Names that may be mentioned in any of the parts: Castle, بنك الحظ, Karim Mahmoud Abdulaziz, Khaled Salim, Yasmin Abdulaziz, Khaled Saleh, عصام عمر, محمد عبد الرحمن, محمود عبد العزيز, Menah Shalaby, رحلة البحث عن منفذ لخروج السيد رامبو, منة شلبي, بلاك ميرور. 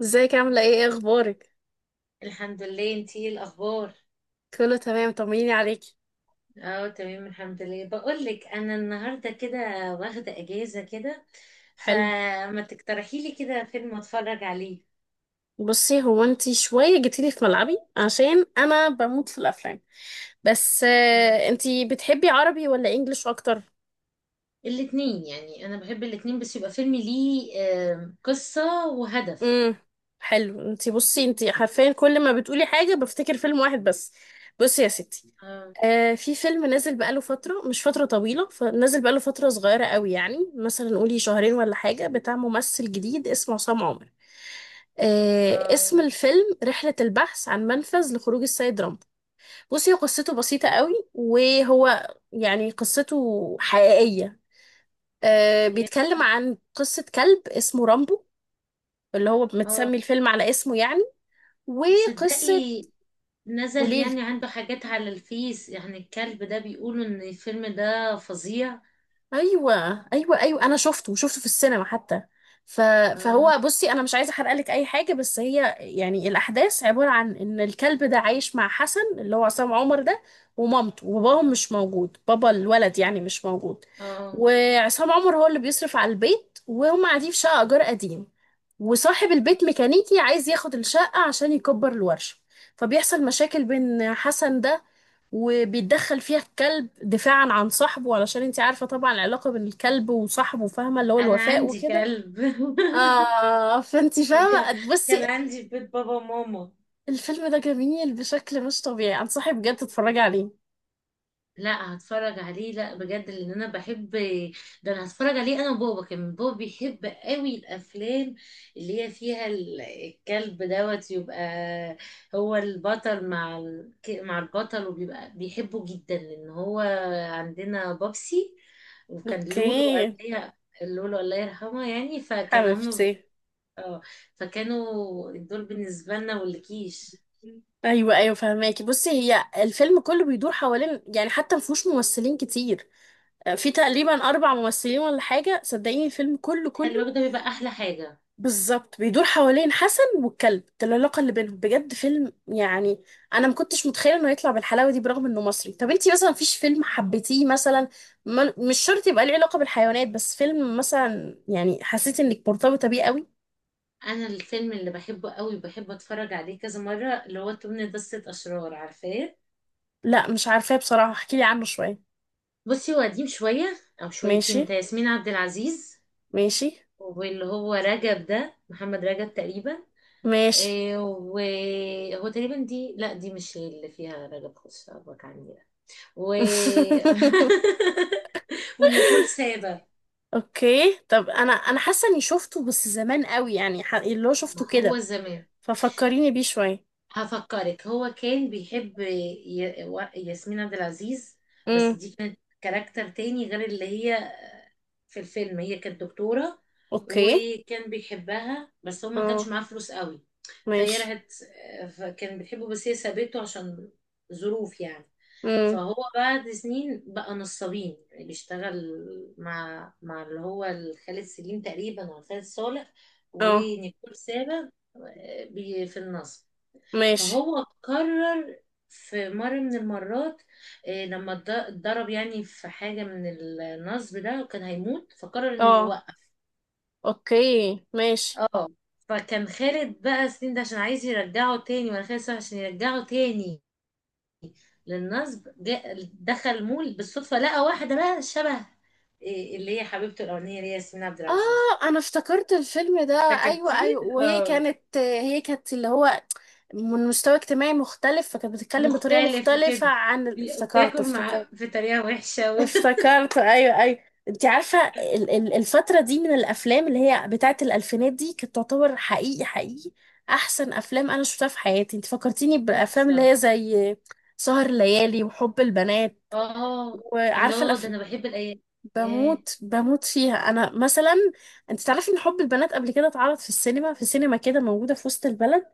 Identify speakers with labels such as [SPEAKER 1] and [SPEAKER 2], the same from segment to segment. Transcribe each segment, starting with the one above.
[SPEAKER 1] ازيك؟ عاملة ايه؟ ايه اخبارك؟
[SPEAKER 2] الحمد لله. انتي ايه الاخبار؟
[SPEAKER 1] كله تمام، طمنيني عليكي.
[SPEAKER 2] اه، تمام الحمد لله. بقول لك انا النهارده كده واخده اجازه كده،
[SPEAKER 1] حلو.
[SPEAKER 2] فما تقترحي لي كده فيلم اتفرج عليه؟
[SPEAKER 1] بصي، هو انتي شوية جيتيلي في ملعبي عشان انا بموت في الافلام. بس
[SPEAKER 2] آه،
[SPEAKER 1] انتي بتحبي عربي ولا انجليش اكتر؟
[SPEAKER 2] الاتنين، يعني انا بحب الاتنين، بس يبقى فيلم ليه قصه وهدف.
[SPEAKER 1] امم حلو. انتي بصي، انتي حرفيا كل ما بتقولي حاجة بفتكر فيلم واحد بس. بصي يا ستي،
[SPEAKER 2] اه
[SPEAKER 1] آه، في فيلم نازل بقاله فترة، مش فترة طويلة، فنازل بقاله فترة صغيرة قوي، يعني مثلا قولي شهرين ولا حاجة، بتاع ممثل جديد اسمه عصام عمر. آه، اسم
[SPEAKER 2] اه
[SPEAKER 1] الفيلم رحلة البحث عن منفذ لخروج السيد رامبو. بصي، هو قصته بسيطة قوي، وهو يعني قصته حقيقية. آه، بيتكلم عن قصة كلب اسمه رامبو، اللي هو
[SPEAKER 2] اه،
[SPEAKER 1] متسمي الفيلم على اسمه يعني. وقصة
[SPEAKER 2] تصدقي نزل
[SPEAKER 1] وليلي.
[SPEAKER 2] يعني عنده حاجات على الفيس، يعني الكلب ده بيقولوا ان الفيلم ده فظيع.
[SPEAKER 1] ايوه. ايوه انا شفته في السينما حتى. ف...
[SPEAKER 2] اه
[SPEAKER 1] فهو بصي، انا مش عايزه احرق لك اي حاجه، بس هي يعني الاحداث عباره عن ان الكلب ده عايش مع حسن اللي هو عصام عمر ده، ومامته، وباباهم مش موجود، بابا الولد يعني مش موجود.
[SPEAKER 2] اه،
[SPEAKER 1] وعصام عمر هو اللي بيصرف على البيت، وهم قاعدين في شقه ايجار قديم، وصاحب البيت ميكانيكي عايز ياخد الشقه عشان يكبر الورشه. فبيحصل مشاكل بين حسن ده، وبيتدخل فيها الكلب دفاعا عن صاحبه، علشان انت عارفة طبعا العلاقة بين الكلب وصاحبه، فاهمة، اللي هو
[SPEAKER 2] انا
[SPEAKER 1] الوفاء
[SPEAKER 2] عندي
[SPEAKER 1] وكده.
[SPEAKER 2] كلب
[SPEAKER 1] اه، فانت
[SPEAKER 2] ك-
[SPEAKER 1] فاهمة. بصي،
[SPEAKER 2] كان عندي في بيت بابا وماما.
[SPEAKER 1] الفيلم ده جميل بشكل مش طبيعي، انصحك بجد تتفرجي عليه.
[SPEAKER 2] لا هتفرج عليه، لا بجد، لان انا بحب، ده انا هتفرج عليه انا وبابا. كمان بابا بيحب قوي الافلام اللي هي فيها الكلب دوت. يبقى هو البطل مع مع البطل وبيبقى بيحبه جدا، لان هو عندنا بابسي، وكان
[SPEAKER 1] اوكي
[SPEAKER 2] لولو قبلها. لولو الله يرحمه، يعني فكان هم،
[SPEAKER 1] حبيبتي.
[SPEAKER 2] اه، فكانوا دول بالنسبة لنا والكيش.
[SPEAKER 1] ايوه فهماكي. بصي، هي الفيلم كله بيدور حوالين، يعني حتى مفهوش ممثلين كتير. في تقريبا اربع ممثلين ولا حاجه، صدقيني الفيلم كله
[SPEAKER 2] خلي
[SPEAKER 1] كله
[SPEAKER 2] بالك ده بيبقى احلى حاجة.
[SPEAKER 1] بالظبط بيدور حوالين حسن والكلب ده، العلاقة اللي بينهم، بجد فيلم يعني أنا ما كنتش متخيلة إنه يطلع بالحلاوة دي برغم إنه مصري. طب أنتي مثلا مفيش فيلم حبيتيه مثلا، مش شرط يبقى ليه علاقة بالحيوانات، بس فيلم مثلا يعني حسيتي إنك مرتبطة بيه قوي؟
[SPEAKER 2] انا الفيلم اللي بحبه قوي بحب اتفرج عليه كذا مره اللي هو تمن دستة اشرار، عارفاه؟
[SPEAKER 1] لا مش عارفاه بصراحة، احكيلي عنه شوية.
[SPEAKER 2] بصي هو قديم شويه او شويتين
[SPEAKER 1] ماشي.
[SPEAKER 2] بتاع ياسمين عبد العزيز،
[SPEAKER 1] ماشي
[SPEAKER 2] واللي هو رجب ده، محمد رجب تقريبا.
[SPEAKER 1] ماشي
[SPEAKER 2] إيه، وهو تقريبا دي، لا دي مش اللي فيها رجب خش أبوك عني ده. و ونيكول سابا.
[SPEAKER 1] اوكي. طب انا، حاسه اني شفته بس زمان قوي يعني، اللي هو
[SPEAKER 2] ما
[SPEAKER 1] شفته
[SPEAKER 2] هو
[SPEAKER 1] كده.
[SPEAKER 2] زمان.
[SPEAKER 1] ففكريني بيه شويه.
[SPEAKER 2] هفكرك، هو كان بيحب ياسمين عبد العزيز، بس
[SPEAKER 1] امم.
[SPEAKER 2] دي كانت كاركتر تاني غير اللي هي في الفيلم. هي كانت دكتورة
[SPEAKER 1] اوكي.
[SPEAKER 2] وكان بيحبها، بس هو ما كانش
[SPEAKER 1] اه.
[SPEAKER 2] معاه فلوس قوي فهي
[SPEAKER 1] ماشي.
[SPEAKER 2] راحت. فكان بيحبه بس هي سابته عشان ظروف يعني.
[SPEAKER 1] امم.
[SPEAKER 2] فهو بعد سنين بقى نصابين بيشتغل مع اللي هو خالد سليم تقريبا ولا خالد صالح،
[SPEAKER 1] اه.
[SPEAKER 2] ونيكول سابا في النصب.
[SPEAKER 1] ماشي.
[SPEAKER 2] فهو قرر في مرة من المرات لما اتضرب يعني في حاجة من النصب ده وكان هيموت، فقرر انه
[SPEAKER 1] اه.
[SPEAKER 2] يوقف.
[SPEAKER 1] اوكي. ماشي.
[SPEAKER 2] اه، فكان خالد بقى سنين ده عشان عايز يرجعه تاني، ولا خالد صالح عشان يرجعه تاني للنصب. جاء دخل مول بالصدفة، لقى واحدة بقى شبه اللي هي حبيبته الأولانية اللي هي ياسمين عبد العزيز.
[SPEAKER 1] اه، انا افتكرت الفيلم ده. ايوه
[SPEAKER 2] فكرتيه.
[SPEAKER 1] ايوه وهي
[SPEAKER 2] اه،
[SPEAKER 1] كانت، هي كانت اللي هو من مستوى اجتماعي مختلف، فكانت بتتكلم بطريقة
[SPEAKER 2] مختلف
[SPEAKER 1] مختلفة
[SPEAKER 2] وكده.
[SPEAKER 1] عن افتكرته،
[SPEAKER 2] بتاكل
[SPEAKER 1] افتكرته
[SPEAKER 2] مع في طريقة وحشة
[SPEAKER 1] افتكرته ايوه. انت عارفة الفترة دي من الافلام اللي هي بتاعت الالفينات دي كانت تعتبر حقيقي، حقيقي احسن افلام انا شفتها في حياتي. انت فكرتيني بالافلام اللي
[SPEAKER 2] تحفة.
[SPEAKER 1] هي زي سهر الليالي وحب البنات.
[SPEAKER 2] اه،
[SPEAKER 1] وعارفه
[SPEAKER 2] الله، ده انا بحب الايام. ياه،
[SPEAKER 1] بموت، فيها انا مثلا. انت تعرفي ان حب البنات قبل كده اتعرض في السينما، في سينما كده موجوده في وسط البلد.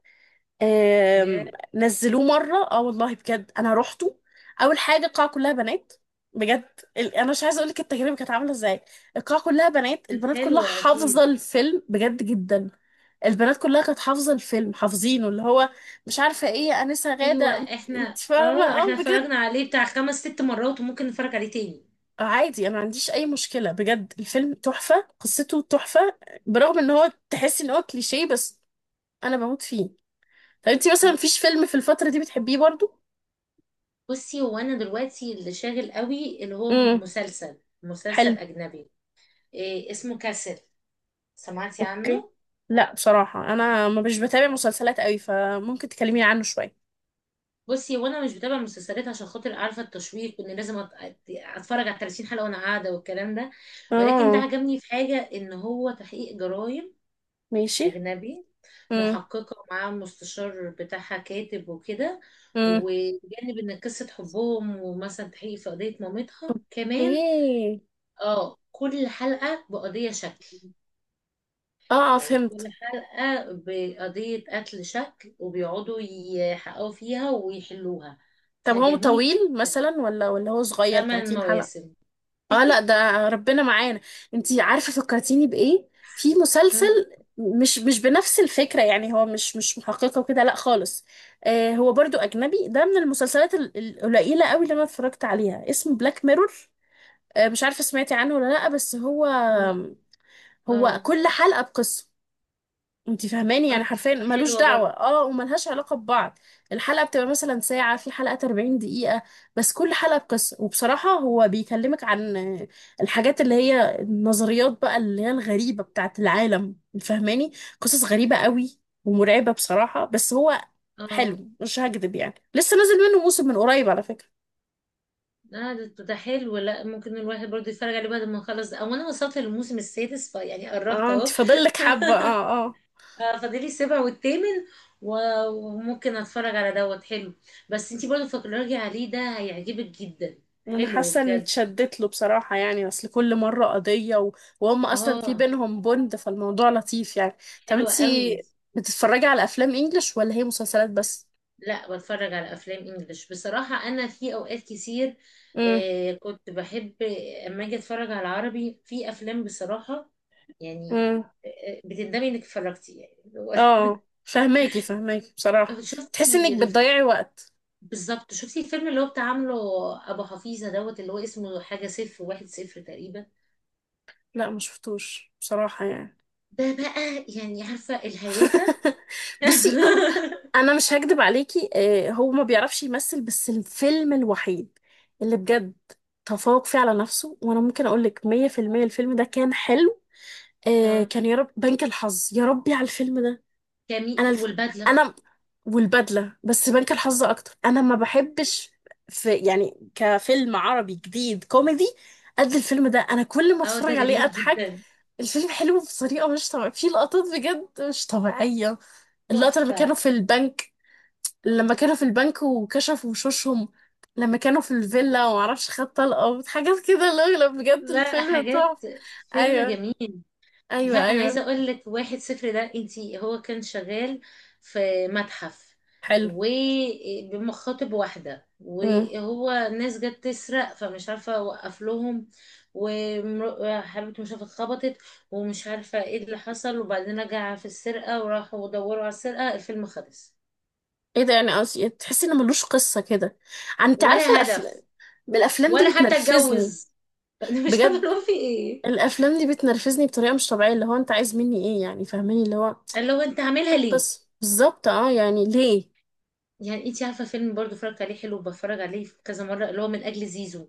[SPEAKER 2] ياه،
[SPEAKER 1] نزلوه مره، اه والله بجد انا روحته. اول حاجه القاعه كلها بنات، بجد. انا مش عايزه اقول لك التجربه كانت عامله ازاي. القاعه كلها بنات،
[SPEAKER 2] كانت
[SPEAKER 1] البنات كلها
[SPEAKER 2] حلوه اكيد.
[SPEAKER 1] حافظه الفيلم، بجد جدا. البنات كلها كانت حافظه الفيلم، حافظينه، اللي هو مش عارفه ايه انسه
[SPEAKER 2] ايوه،
[SPEAKER 1] غاده، انت، انت
[SPEAKER 2] احنا
[SPEAKER 1] فاهمه،
[SPEAKER 2] اه احنا
[SPEAKER 1] اه بجد.
[SPEAKER 2] اتفرجنا عليه بتاع خمس ست مرات وممكن نتفرج عليه تاني.
[SPEAKER 1] عادي، انا ما عنديش اي مشكله، بجد الفيلم تحفه، قصته تحفه، برغم ان هو تحس ان هو كليشيه، بس انا بموت فيه. طب انتي مثلا مفيش فيلم في الفتره دي بتحبيه برضو؟
[SPEAKER 2] بصي هو انا دلوقتي اللي شاغل قوي اللي هو
[SPEAKER 1] امم.
[SPEAKER 2] مسلسل، مسلسل
[SPEAKER 1] حلو.
[SPEAKER 2] اجنبي. إيه اسمه؟ كاسل، سمعتي
[SPEAKER 1] اوكي.
[SPEAKER 2] عنه؟
[SPEAKER 1] لا بصراحه انا، ما مش بتابع مسلسلات قوي، فممكن تكلميني عنه شويه.
[SPEAKER 2] بصي، وانا مش بتابع مسلسلات عشان خاطر عارفه التشويق وان لازم اتفرج على 30 حلقه وانا قاعده والكلام ده. ولكن ده
[SPEAKER 1] اه.
[SPEAKER 2] عجبني في حاجه، ان هو تحقيق جرائم
[SPEAKER 1] ماشي.
[SPEAKER 2] أجنبي.
[SPEAKER 1] امم.
[SPEAKER 2] محققة ومعاها مستشار بتاعها كاتب وكده،
[SPEAKER 1] امم.
[SPEAKER 2] وجانب إن قصة حبهم، ومثلا تحقيق في قضية مامتها كمان.
[SPEAKER 1] ايه.
[SPEAKER 2] اه، كل حلقة بقضية شكل،
[SPEAKER 1] اه،
[SPEAKER 2] يعني كل
[SPEAKER 1] فهمت.
[SPEAKER 2] حلقة بقضية قتل شكل وبيقعدوا يحققوا فيها ويحلوها،
[SPEAKER 1] طب هو
[SPEAKER 2] فجميل.
[SPEAKER 1] طويل مثلا ولا هو صغير،
[SPEAKER 2] ثمان
[SPEAKER 1] 30
[SPEAKER 2] مواسم
[SPEAKER 1] حلقه؟ اه لا، ده ربنا معانا. انتي عارفة فكرتيني بإيه؟ في مسلسل،
[SPEAKER 2] اه
[SPEAKER 1] مش بنفس الفكرة، يعني هو مش محققة وكده، لا خالص. آه، هو برضو أجنبي، ده من المسلسلات القليلة قوي اللي أنا اتفرجت عليها، اسمه بلاك ميرور. آه، مش عارفة سمعتي عنه ولا لا. بس هو، هو
[SPEAKER 2] اه
[SPEAKER 1] كل حلقة بقصة، انت فاهماني، يعني حرفيا
[SPEAKER 2] بتبقى
[SPEAKER 1] ملوش
[SPEAKER 2] حلوة
[SPEAKER 1] دعوة،
[SPEAKER 2] برضه.
[SPEAKER 1] اه، وملهاش علاقة ببعض. الحلقة بتبقى مثلا ساعة، في حلقات 40 دقيقة، بس كل حلقة بقصة. وبصراحة هو بيكلمك عن الحاجات اللي هي النظريات بقى اللي هي الغريبة بتاعت العالم، فاهماني. قصص غريبة قوي، ومرعبة بصراحة، بس هو
[SPEAKER 2] اه،
[SPEAKER 1] حلو مش هكدب. يعني لسه نازل منه موسم من قريب على فكرة.
[SPEAKER 2] لا ده حلو، لا ممكن الواحد برضه يتفرج عليه بعد ما نخلص ده. او انا وصلت للموسم السادس فيعني قربت
[SPEAKER 1] اه، انت
[SPEAKER 2] اهو.
[SPEAKER 1] فاضل لك حبة. اه. اه،
[SPEAKER 2] فاضلي السابع والثامن وممكن اتفرج على دوت. حلو. بس انتي برضه فكري عليه، ده هيعجبك جدا،
[SPEAKER 1] انا
[SPEAKER 2] حلو
[SPEAKER 1] حاسه اني
[SPEAKER 2] بجد.
[SPEAKER 1] اتشدت له بصراحه، يعني اصل كل مره قضيه وهم اصلا في
[SPEAKER 2] اه،
[SPEAKER 1] بينهم بوند، فالموضوع لطيف يعني. طب
[SPEAKER 2] حلو
[SPEAKER 1] انتي
[SPEAKER 2] قوي.
[SPEAKER 1] بتتفرجي على افلام انجلش ولا هي مسلسلات بس؟
[SPEAKER 2] لا بتفرج على افلام انجليش بصراحة، انا في اوقات كتير
[SPEAKER 1] امم.
[SPEAKER 2] كنت بحب، اما اجي اتفرج على عربي في افلام بصراحة يعني
[SPEAKER 1] امم.
[SPEAKER 2] بتندمي انك اتفرجتي يعني.
[SPEAKER 1] اه، فهماكي، بصراحه. تحسي
[SPEAKER 2] شفتي؟
[SPEAKER 1] انك بتضيعي وقت.
[SPEAKER 2] بالظبط، شفتي الفيلم اللي هو بتاع عامله ابو حفيظه دوت اللي هو اسمه حاجه صفر واحد صفر تقريبا؟
[SPEAKER 1] لا ما شفتوش بصراحه يعني.
[SPEAKER 2] ده بقى يعني عارفه الهيافه.
[SPEAKER 1] بصي انا مش هكدب عليكي، هو ما بيعرفش يمثل، بس الفيلم الوحيد اللي بجد تفوق فيه على نفسه، وانا ممكن اقول لك 100%، الفيلم ده كان حلو. آه
[SPEAKER 2] اه
[SPEAKER 1] كان يا رب بنك الحظ، يا ربي على الفيلم ده.
[SPEAKER 2] جميل،
[SPEAKER 1] انا
[SPEAKER 2] والبدله.
[SPEAKER 1] انا والبدله، بس بنك الحظ اكتر، انا ما بحبش في يعني كفيلم عربي جديد كوميدي قد الفيلم ده، انا كل ما
[SPEAKER 2] اه، ده
[SPEAKER 1] اتفرج عليه
[SPEAKER 2] جميل
[SPEAKER 1] اضحك.
[SPEAKER 2] جدا.
[SPEAKER 1] الفيلم حلو بطريقه مش طبيعيه، في لقطات بجد مش طبيعيه، اللقطه لما كانوا
[SPEAKER 2] تحفه.
[SPEAKER 1] في البنك، لما كانوا في البنك وكشفوا وشوشهم، لما كانوا في الفيلا ومعرفش خد طلقه، حاجات كده، لا لا بجد
[SPEAKER 2] لا
[SPEAKER 1] الفيلم تحفه.
[SPEAKER 2] حاجات، فيلم
[SPEAKER 1] ايوه.
[SPEAKER 2] جميل. لا
[SPEAKER 1] ايوه
[SPEAKER 2] انا
[SPEAKER 1] ايوه
[SPEAKER 2] عايزه اقول لك واحد صفر ده، انتي، هو كان شغال في متحف
[SPEAKER 1] حلو.
[SPEAKER 2] وبمخاطب واحده، وهو ناس جت تسرق فمش عارفه وقف لهم، وحبيبته مش عارفه اتخبطت ومش عارفه ايه اللي حصل، وبعدين رجع في السرقه وراحوا دوروا على السرقه، الفيلم خلص.
[SPEAKER 1] ايه ده يعني، قصدي تحسي ان ملوش قصه كده. انت عارفه
[SPEAKER 2] ولا
[SPEAKER 1] الافلام،
[SPEAKER 2] هدف،
[SPEAKER 1] الافلام دي
[SPEAKER 2] ولا حتى
[SPEAKER 1] بتنرفزني،
[SPEAKER 2] اتجوز انا مش عارفه
[SPEAKER 1] بجد.
[SPEAKER 2] هو في ايه.
[SPEAKER 1] الافلام دي بتنرفزني بطريقه مش طبيعيه، اللي هو انت عايز مني ايه يعني، فاهماني اللي هو
[SPEAKER 2] اللي هو انت عاملها ليه؟
[SPEAKER 1] قصه بالظبط، اه يعني ليه.
[SPEAKER 2] يعني انت عارفه فيلم برضو اتفرجت عليه، حلو بتفرج عليه كذا مره، اللي هو من اجل زيزو.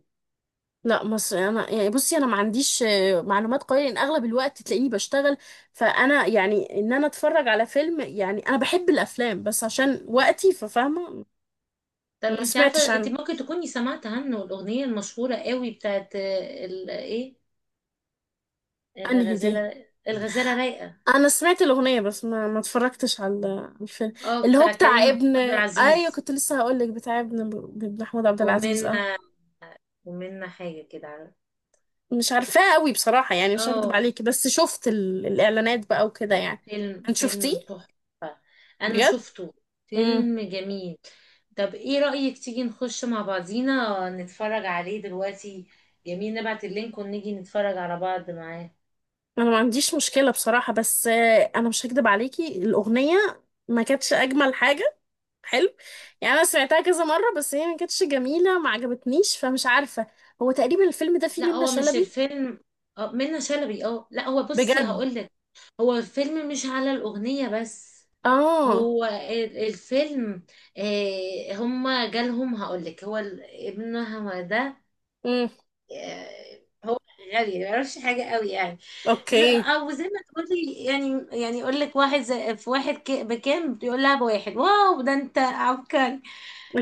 [SPEAKER 1] لا مصر، انا يعني بصي انا ما عنديش معلومات قويه، لان اغلب الوقت تلاقيني بشتغل، فانا يعني ان انا اتفرج على فيلم، يعني انا بحب الافلام، بس عشان وقتي ففاهمه.
[SPEAKER 2] طب
[SPEAKER 1] ما
[SPEAKER 2] انت
[SPEAKER 1] سمعتش
[SPEAKER 2] عارفه، انت
[SPEAKER 1] عنه.
[SPEAKER 2] ممكن تكوني سمعت عنه، الاغنيه المشهوره قوي بتاعت ايه،
[SPEAKER 1] انهي دي؟
[SPEAKER 2] الغزاله الغزاله رايقه.
[SPEAKER 1] انا سمعت الاغنيه، بس ما اتفرجتش على، على الفيلم.
[SPEAKER 2] اه
[SPEAKER 1] اللي هو
[SPEAKER 2] بتاع
[SPEAKER 1] بتاع
[SPEAKER 2] كريم محمود
[SPEAKER 1] ابن؟
[SPEAKER 2] عبد
[SPEAKER 1] ايوه
[SPEAKER 2] العزيز.
[SPEAKER 1] كنت لسه هقول لك بتاع ابن، محمود عبد العزيز، اه.
[SPEAKER 2] ومنا، ومنا حاجه كده، عارف.
[SPEAKER 1] مش عارفاه قوي بصراحه، يعني مش هكدب
[SPEAKER 2] اه
[SPEAKER 1] عليكي، بس شفت الاعلانات بقى وكده
[SPEAKER 2] لا،
[SPEAKER 1] يعني.
[SPEAKER 2] فيلم
[SPEAKER 1] انت شفتيه؟
[SPEAKER 2] فيلم تحفه. انا
[SPEAKER 1] بجد؟
[SPEAKER 2] شفته.
[SPEAKER 1] امم.
[SPEAKER 2] فيلم جميل. طب ايه رايك تيجي نخش مع بعضينا نتفرج عليه دلوقتي؟ جميل، نبعت اللينك ونيجي نتفرج على بعض معاه.
[SPEAKER 1] انا ما عنديش مشكله بصراحه، بس انا مش هكدب عليكي، الاغنيه ما كانتش اجمل حاجه. حلو. يعني انا سمعتها كذا مره بس هي ما كانتش جميله، ما عجبتنيش، فمش عارفه. هو تقريبا الفيلم ده فيه
[SPEAKER 2] لا
[SPEAKER 1] منة
[SPEAKER 2] هو مش
[SPEAKER 1] شلبي؟
[SPEAKER 2] الفيلم منة شلبي. اه لا، هو بصي
[SPEAKER 1] بجد؟
[SPEAKER 2] هقول لك، هو الفيلم مش على الأغنية بس،
[SPEAKER 1] اه.
[SPEAKER 2] هو الفيلم هما جالهم. هقول لك، هو ابنها ده
[SPEAKER 1] امم.
[SPEAKER 2] هو غالي ما يعرفش حاجة قوي يعني.
[SPEAKER 1] اوكي.
[SPEAKER 2] او زي ما تقولي، يعني يقول لك واحد زي في واحد بكام، بيقول لها بواحد، واو ده انت عبقري.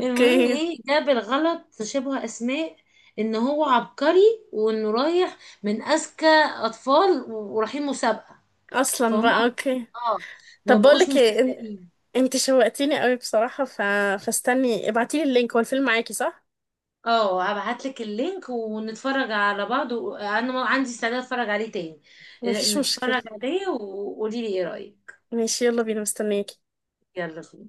[SPEAKER 2] المهم ايه ده بالغلط شبه اسماء، ان هو عبقري وانه رايح من اذكى اطفال ورايحين مسابقة،
[SPEAKER 1] اصلا
[SPEAKER 2] فهم.
[SPEAKER 1] بقى. اوكي.
[SPEAKER 2] اه، ما
[SPEAKER 1] طب
[SPEAKER 2] بقوش
[SPEAKER 1] بقولك ايه
[SPEAKER 2] مصدقين.
[SPEAKER 1] انت شوقتيني قوي بصراحة. فاستني ابعتيلي اللينك، هو الفيلم معاكي صح؟
[SPEAKER 2] اه، هبعت لك اللينك ونتفرج على بعض، وانا ما عندي استعداد اتفرج عليه تاني.
[SPEAKER 1] مفيش
[SPEAKER 2] نتفرج
[SPEAKER 1] مشكلة.
[SPEAKER 2] عليه وقولي لي ايه رأيك.
[SPEAKER 1] ماشي يلا بينا، مستنياكي.
[SPEAKER 2] يلا.